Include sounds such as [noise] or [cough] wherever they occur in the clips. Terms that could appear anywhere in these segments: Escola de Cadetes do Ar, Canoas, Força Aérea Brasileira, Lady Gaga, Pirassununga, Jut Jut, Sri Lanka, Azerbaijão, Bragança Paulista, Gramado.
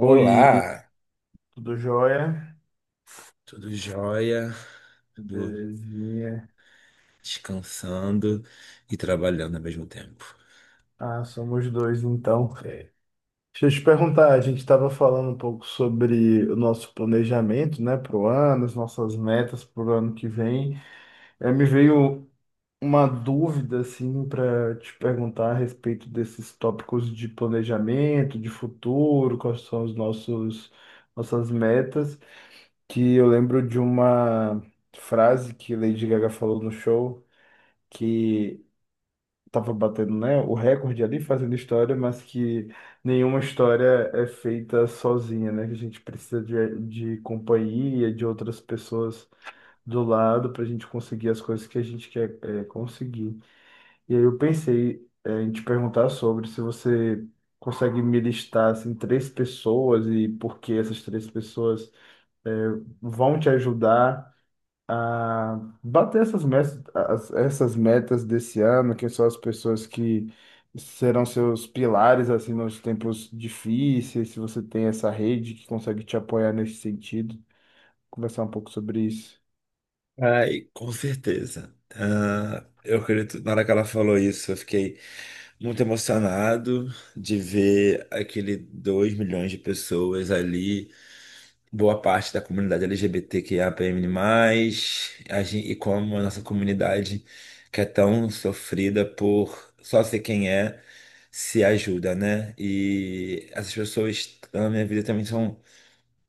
Oi, tudo jóia? tudo jóia? Tudo Belezinha. descansando e trabalhando ao mesmo tempo. Ah, somos dois então. É. Deixa eu te perguntar, a gente estava falando um pouco sobre o nosso planejamento, né, para o ano, as nossas metas para o ano que vem. Me veio uma dúvida, assim, para te perguntar a respeito desses tópicos de planejamento, de futuro, quais são os nossas metas, que eu lembro de uma frase que Lady Gaga falou no show, que estava batendo, né, o recorde ali fazendo história, mas que nenhuma história é feita sozinha, né? Que a gente precisa de companhia, de outras pessoas do lado para a gente conseguir as coisas que a gente quer conseguir. E aí eu pensei em te perguntar sobre se você consegue me listar assim três pessoas e por que essas três pessoas é, vão te ajudar a bater essas metas, essas metas desse ano, que são as pessoas que serão seus pilares assim nos tempos difíceis, se você tem essa rede que consegue te apoiar nesse sentido, conversar um pouco sobre isso. Ai, com certeza. Ah, eu acredito, na hora que ela falou isso, eu fiquei muito emocionado de ver aquele 2 milhões de pessoas ali. Boa parte da comunidade LGBTQIAPN+, e como a nossa comunidade, que é tão sofrida por só ser quem é, se ajuda, né? E essas pessoas na minha vida também são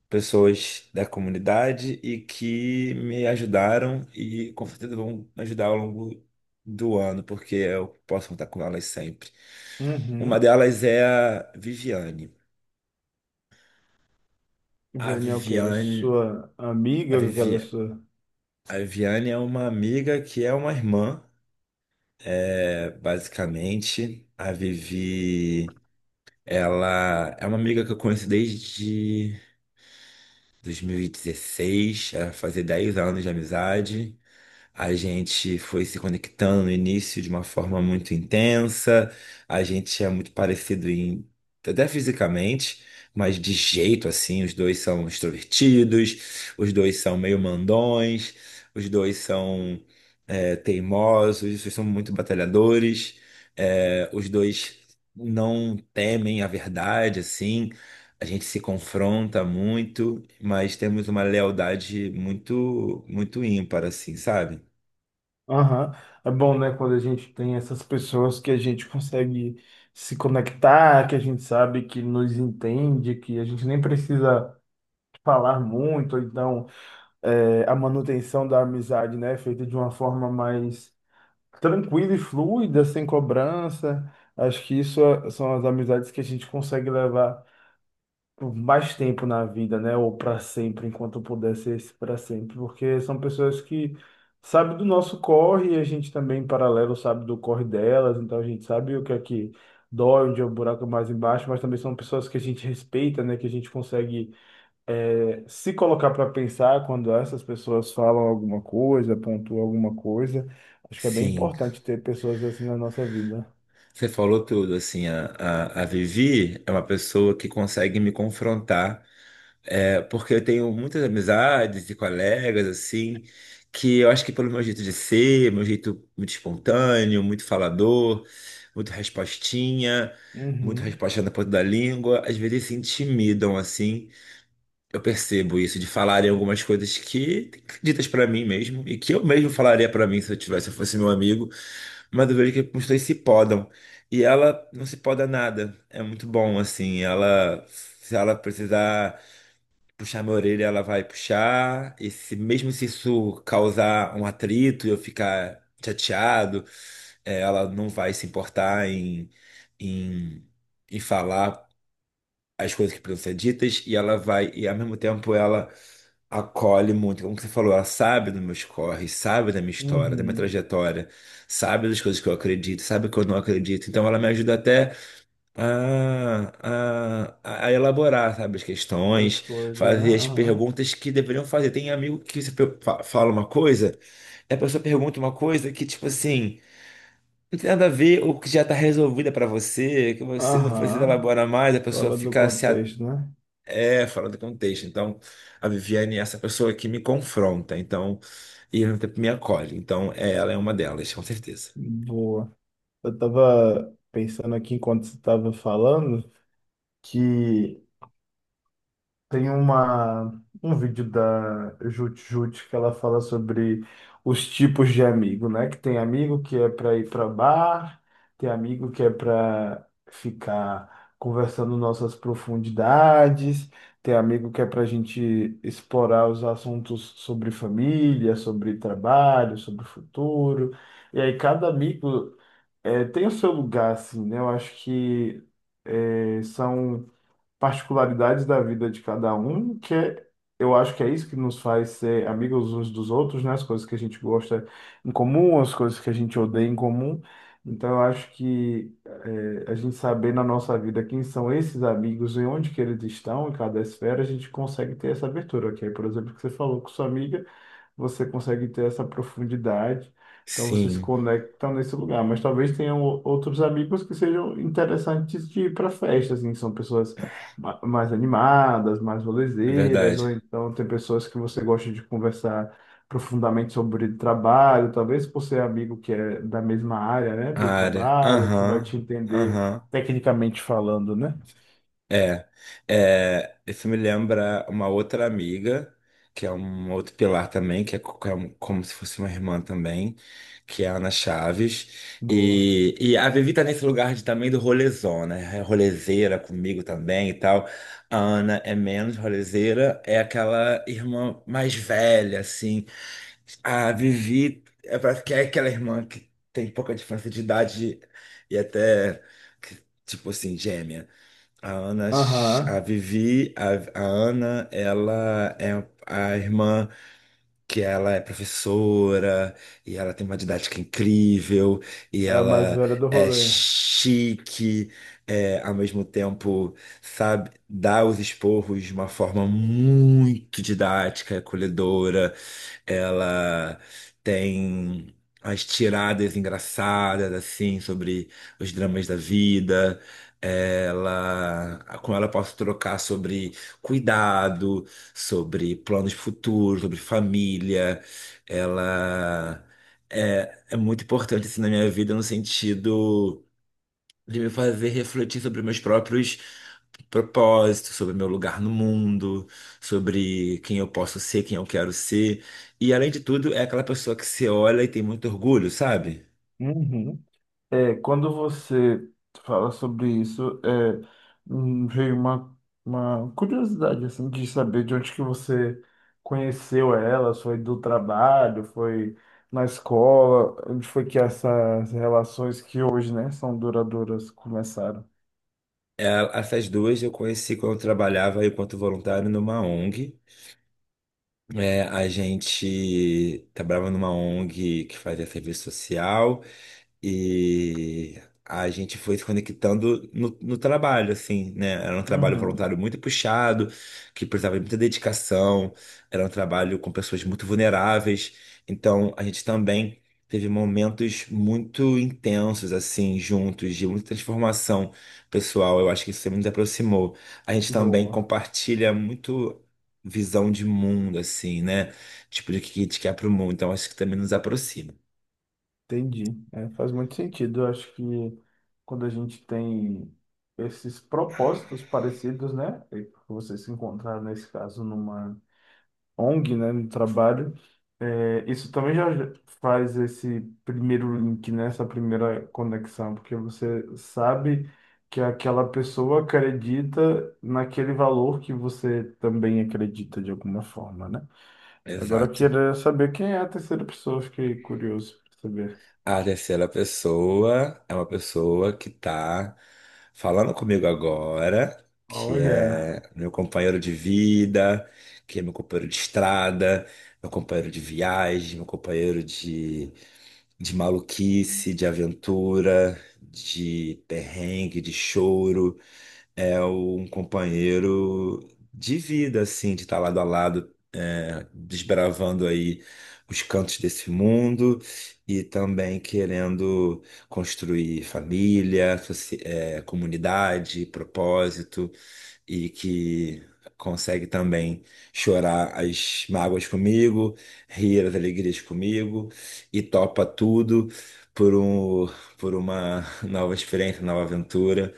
pessoas da comunidade e que me ajudaram e com certeza vão ajudar ao longo do ano, porque eu posso contar com elas sempre. Uma Uhum. delas é a Viviane. A Daniel, que é a Viviane. sua A amiga, aquela Viviane. sua. A Viviane é uma amiga que é uma irmã, é, basicamente. A Vivi, ela é uma amiga que eu conheço desde 2016, ela fazia 10 anos de amizade. A gente foi se conectando no início de uma forma muito intensa. A gente é muito parecido em, até fisicamente, mas de jeito assim, os dois são extrovertidos, os dois são meio mandões, os dois são teimosos, os dois são muito batalhadores, os dois não temem a verdade, assim. A gente se confronta muito, mas temos uma lealdade muito, muito ímpar, assim, sabe? Aham. É bom, né, quando a gente tem essas pessoas que a gente consegue se conectar, que a gente sabe que nos entende, que a gente nem precisa falar muito, ou então a manutenção da amizade, né, feita de uma forma mais tranquila e fluida, sem cobrança. Acho que isso são as amizades que a gente consegue levar por mais tempo na vida, né, ou para sempre, enquanto puder ser esse para sempre, porque são pessoas que sabem do nosso corre e a gente também, em paralelo, sabe do corre delas, então a gente sabe o que é que dói, onde é o buraco mais embaixo, mas também são pessoas que a gente respeita, né, que a gente consegue se colocar para pensar quando essas pessoas falam alguma coisa, pontuam alguma coisa, acho que é bem Sim, importante ter pessoas assim na nossa vida. você falou tudo, assim, a Vivi é uma pessoa que consegue me confrontar, porque eu tenho muitas amizades e colegas, assim, que eu acho que pelo meu jeito de ser, meu jeito muito espontâneo, muito falador, muito respostinha, muito Uhum, resposta na ponta da língua, às vezes se intimidam, assim, eu percebo isso, de falarem algumas coisas que ditas pra mim mesmo, e que eu mesmo falaria pra mim se eu tivesse, se eu fosse meu amigo. Mas eu vejo que os dois se podam. E ela não se poda nada. É muito bom, assim. Ela, se ela precisar puxar minha orelha, ela vai puxar. E se, mesmo se isso causar um atrito e eu ficar chateado, ela não vai se importar em, em, falar as coisas que precisam ser ditas. E ela vai, e ao mesmo tempo, ela acolhe muito, como você falou, ela sabe dos meus corres, sabe da minha história, da minha uhum. trajetória, sabe das coisas que eu acredito, sabe que eu não acredito. Então ela me ajuda até a elaborar, sabe, as As questões, coisas, né? fazer as Aham. perguntas que deveriam fazer. Tem amigo que você fala uma coisa, e a pessoa pergunta uma coisa que, tipo assim, não tem nada a ver, ou que já está resolvida para você, que você não precisa Aham. elaborar mais, a pessoa Fora do fica se contexto, né? Fora do contexto. Então, a Viviane é essa pessoa que me confronta, então, e ao mesmo tempo me acolhe. Então, ela é uma delas, com certeza. Boa. Eu tava pensando aqui enquanto você tava falando que tem uma, um vídeo da Jut Jut que ela fala sobre os tipos de amigo, né? Que tem amigo que é para ir para bar, tem amigo que é para ficar conversando nossas profundidades, tem amigo que é para a gente explorar os assuntos sobre família, sobre trabalho, sobre futuro. E aí cada amigo tem o seu lugar, assim, né? Eu acho que são particularidades da vida de cada um, que é, eu acho que é isso que nos faz ser amigos uns dos outros, né? As coisas que a gente gosta em comum, as coisas que a gente odeia em comum. Então, eu acho que a gente saber na nossa vida quem são esses amigos e onde que eles estão, em cada esfera, a gente consegue ter essa abertura, que é, por exemplo, que você falou com sua amiga você consegue ter essa profundidade, então você se Sim, conecta nesse lugar. Mas talvez tenham outros amigos que sejam interessantes de ir para festas, assim, que são pessoas mais animadas, mais é rolezeiras, verdade. ou então tem pessoas que você gosta de conversar profundamente sobre trabalho, talvez por ser amigo que é da mesma área, né, A do área. trabalho, que vai Aham, te entender aham. tecnicamente falando, né? É, isso me lembra uma outra amiga, que é um outro pilar também, que é, como se fosse uma irmã também, que é a Ana Chaves. Boa. E a Vivi tá nesse lugar de, também do rolezão, né? É rolezeira comigo também e tal. A Ana é menos rolezeira, é aquela irmã mais velha, assim. A Vivi é, parece que é aquela irmã que tem pouca diferença de idade e até, que, tipo assim, gêmea. A Ana, a Aham, Vivi, a Ana, ela é a irmã que ela é professora e ela tem uma didática incrível e é a mais ela velha do é rolê. chique, é, ao mesmo tempo, sabe, dá os esporros de uma forma muito didática, acolhedora. Ela tem as tiradas engraçadas, assim, sobre os dramas da vida. Ela, com ela eu posso trocar sobre cuidado, sobre planos futuros, sobre família. Ela é muito importante assim, na minha vida no sentido de me fazer refletir sobre meus próprios propósitos, sobre meu lugar no mundo, sobre quem eu posso ser, quem eu quero ser. E além de tudo, é aquela pessoa que se olha e tem muito orgulho, sabe? Uhum. É, quando você fala sobre isso, é, veio uma curiosidade assim de saber de onde que você conheceu ela, foi do trabalho, foi na escola, onde foi que essas relações que hoje, né, são duradouras começaram. Essas duas eu conheci quando eu trabalhava enquanto voluntário numa ONG. A gente trabalhava numa ONG que fazia serviço social. E a gente foi se conectando no trabalho, assim, né? Era um trabalho Uhum. voluntário muito puxado, que precisava de muita dedicação, era um trabalho com pessoas muito vulneráveis. Então, a gente também teve momentos muito intensos, assim, juntos, de muita transformação pessoal. Eu acho que isso nos aproximou. A gente também Boa, compartilha muito. Visão de mundo, assim, né? Tipo, de que a gente quer pro mundo. Então, acho que também nos aproxima. entendi. É, faz muito sentido. Eu acho que quando a gente tem esses propósitos parecidos, né, e vocês se encontraram nesse caso numa ONG, né, no trabalho, é, isso também já faz esse primeiro link, né, essa primeira conexão, porque você sabe que aquela pessoa acredita naquele valor que você também acredita de alguma forma, né? Agora eu Exato. queria saber quem é a terceira pessoa, fiquei curioso para saber. A terceira pessoa é uma pessoa que tá falando comigo agora, que é Olha, meu companheiro de vida, que é meu companheiro de estrada, meu companheiro de viagem, meu companheiro de maluquice, de aventura, de perrengue, de choro, é um companheiro de vida, assim, de estar lado a lado, desbravando aí os cantos desse mundo e também querendo construir família, comunidade, propósito e que consegue também chorar as mágoas comigo, rir as alegrias comigo e topa tudo por um, por uma nova experiência, nova aventura.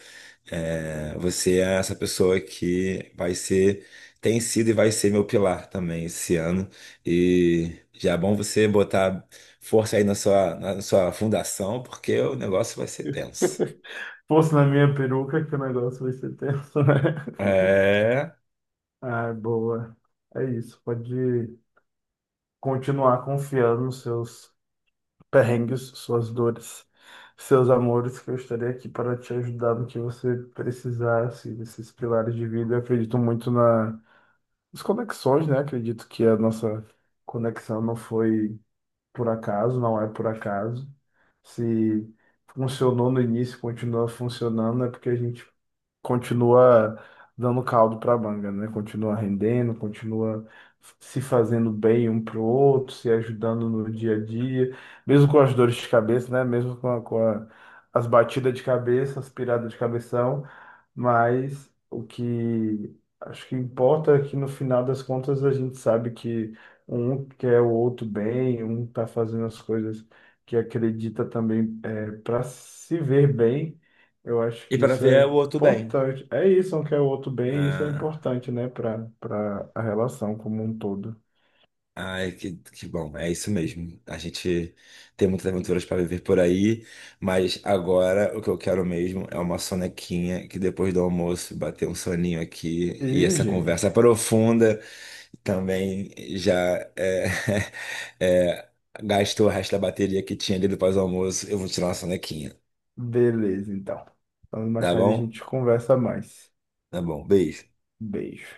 Você é essa pessoa que vai ser, tem sido e vai ser meu pilar também esse ano. E já é bom você botar força aí na sua fundação, porque o negócio vai ser tenso. [laughs] fosse na minha peruca que o negócio vai ser tenso, né? [laughs] É, Ah, boa. É isso, pode continuar confiando nos seus perrengues, suas dores, seus amores, que eu estarei aqui para te ajudar no que você precisasse desses pilares de vida. Eu acredito muito nas conexões, né? Acredito que a nossa conexão não foi por acaso, não é por acaso. Se funcionou no início, continua funcionando, é porque a gente continua dando caldo para a manga, né? Continua rendendo, continua se fazendo bem um para o outro, se ajudando no dia a dia, mesmo com as dores de cabeça, né? Mesmo as batidas de cabeça, as piradas de cabeção, mas o que acho que importa é que no final das contas a gente sabe que um quer o outro bem, um tá fazendo as coisas que acredita também para se ver bem. Eu acho e que para isso ver é o outro bem. importante. É isso, um quer o outro bem, e isso é Ah, importante, né, para a relação como um todo. ai, que bom, é isso mesmo. A gente tem muitas aventuras para viver por aí, mas agora o que eu quero mesmo é uma sonequinha, que depois do almoço bater um soninho aqui e E, essa gente, conversa profunda. Também já é, [laughs] é, gastou o resto da bateria que tinha ali do pós-almoço. Eu vou tirar uma sonequinha, beleza, então. Então, mais tá tarde a bom? gente conversa mais. Tá bom, beijo. Beijo.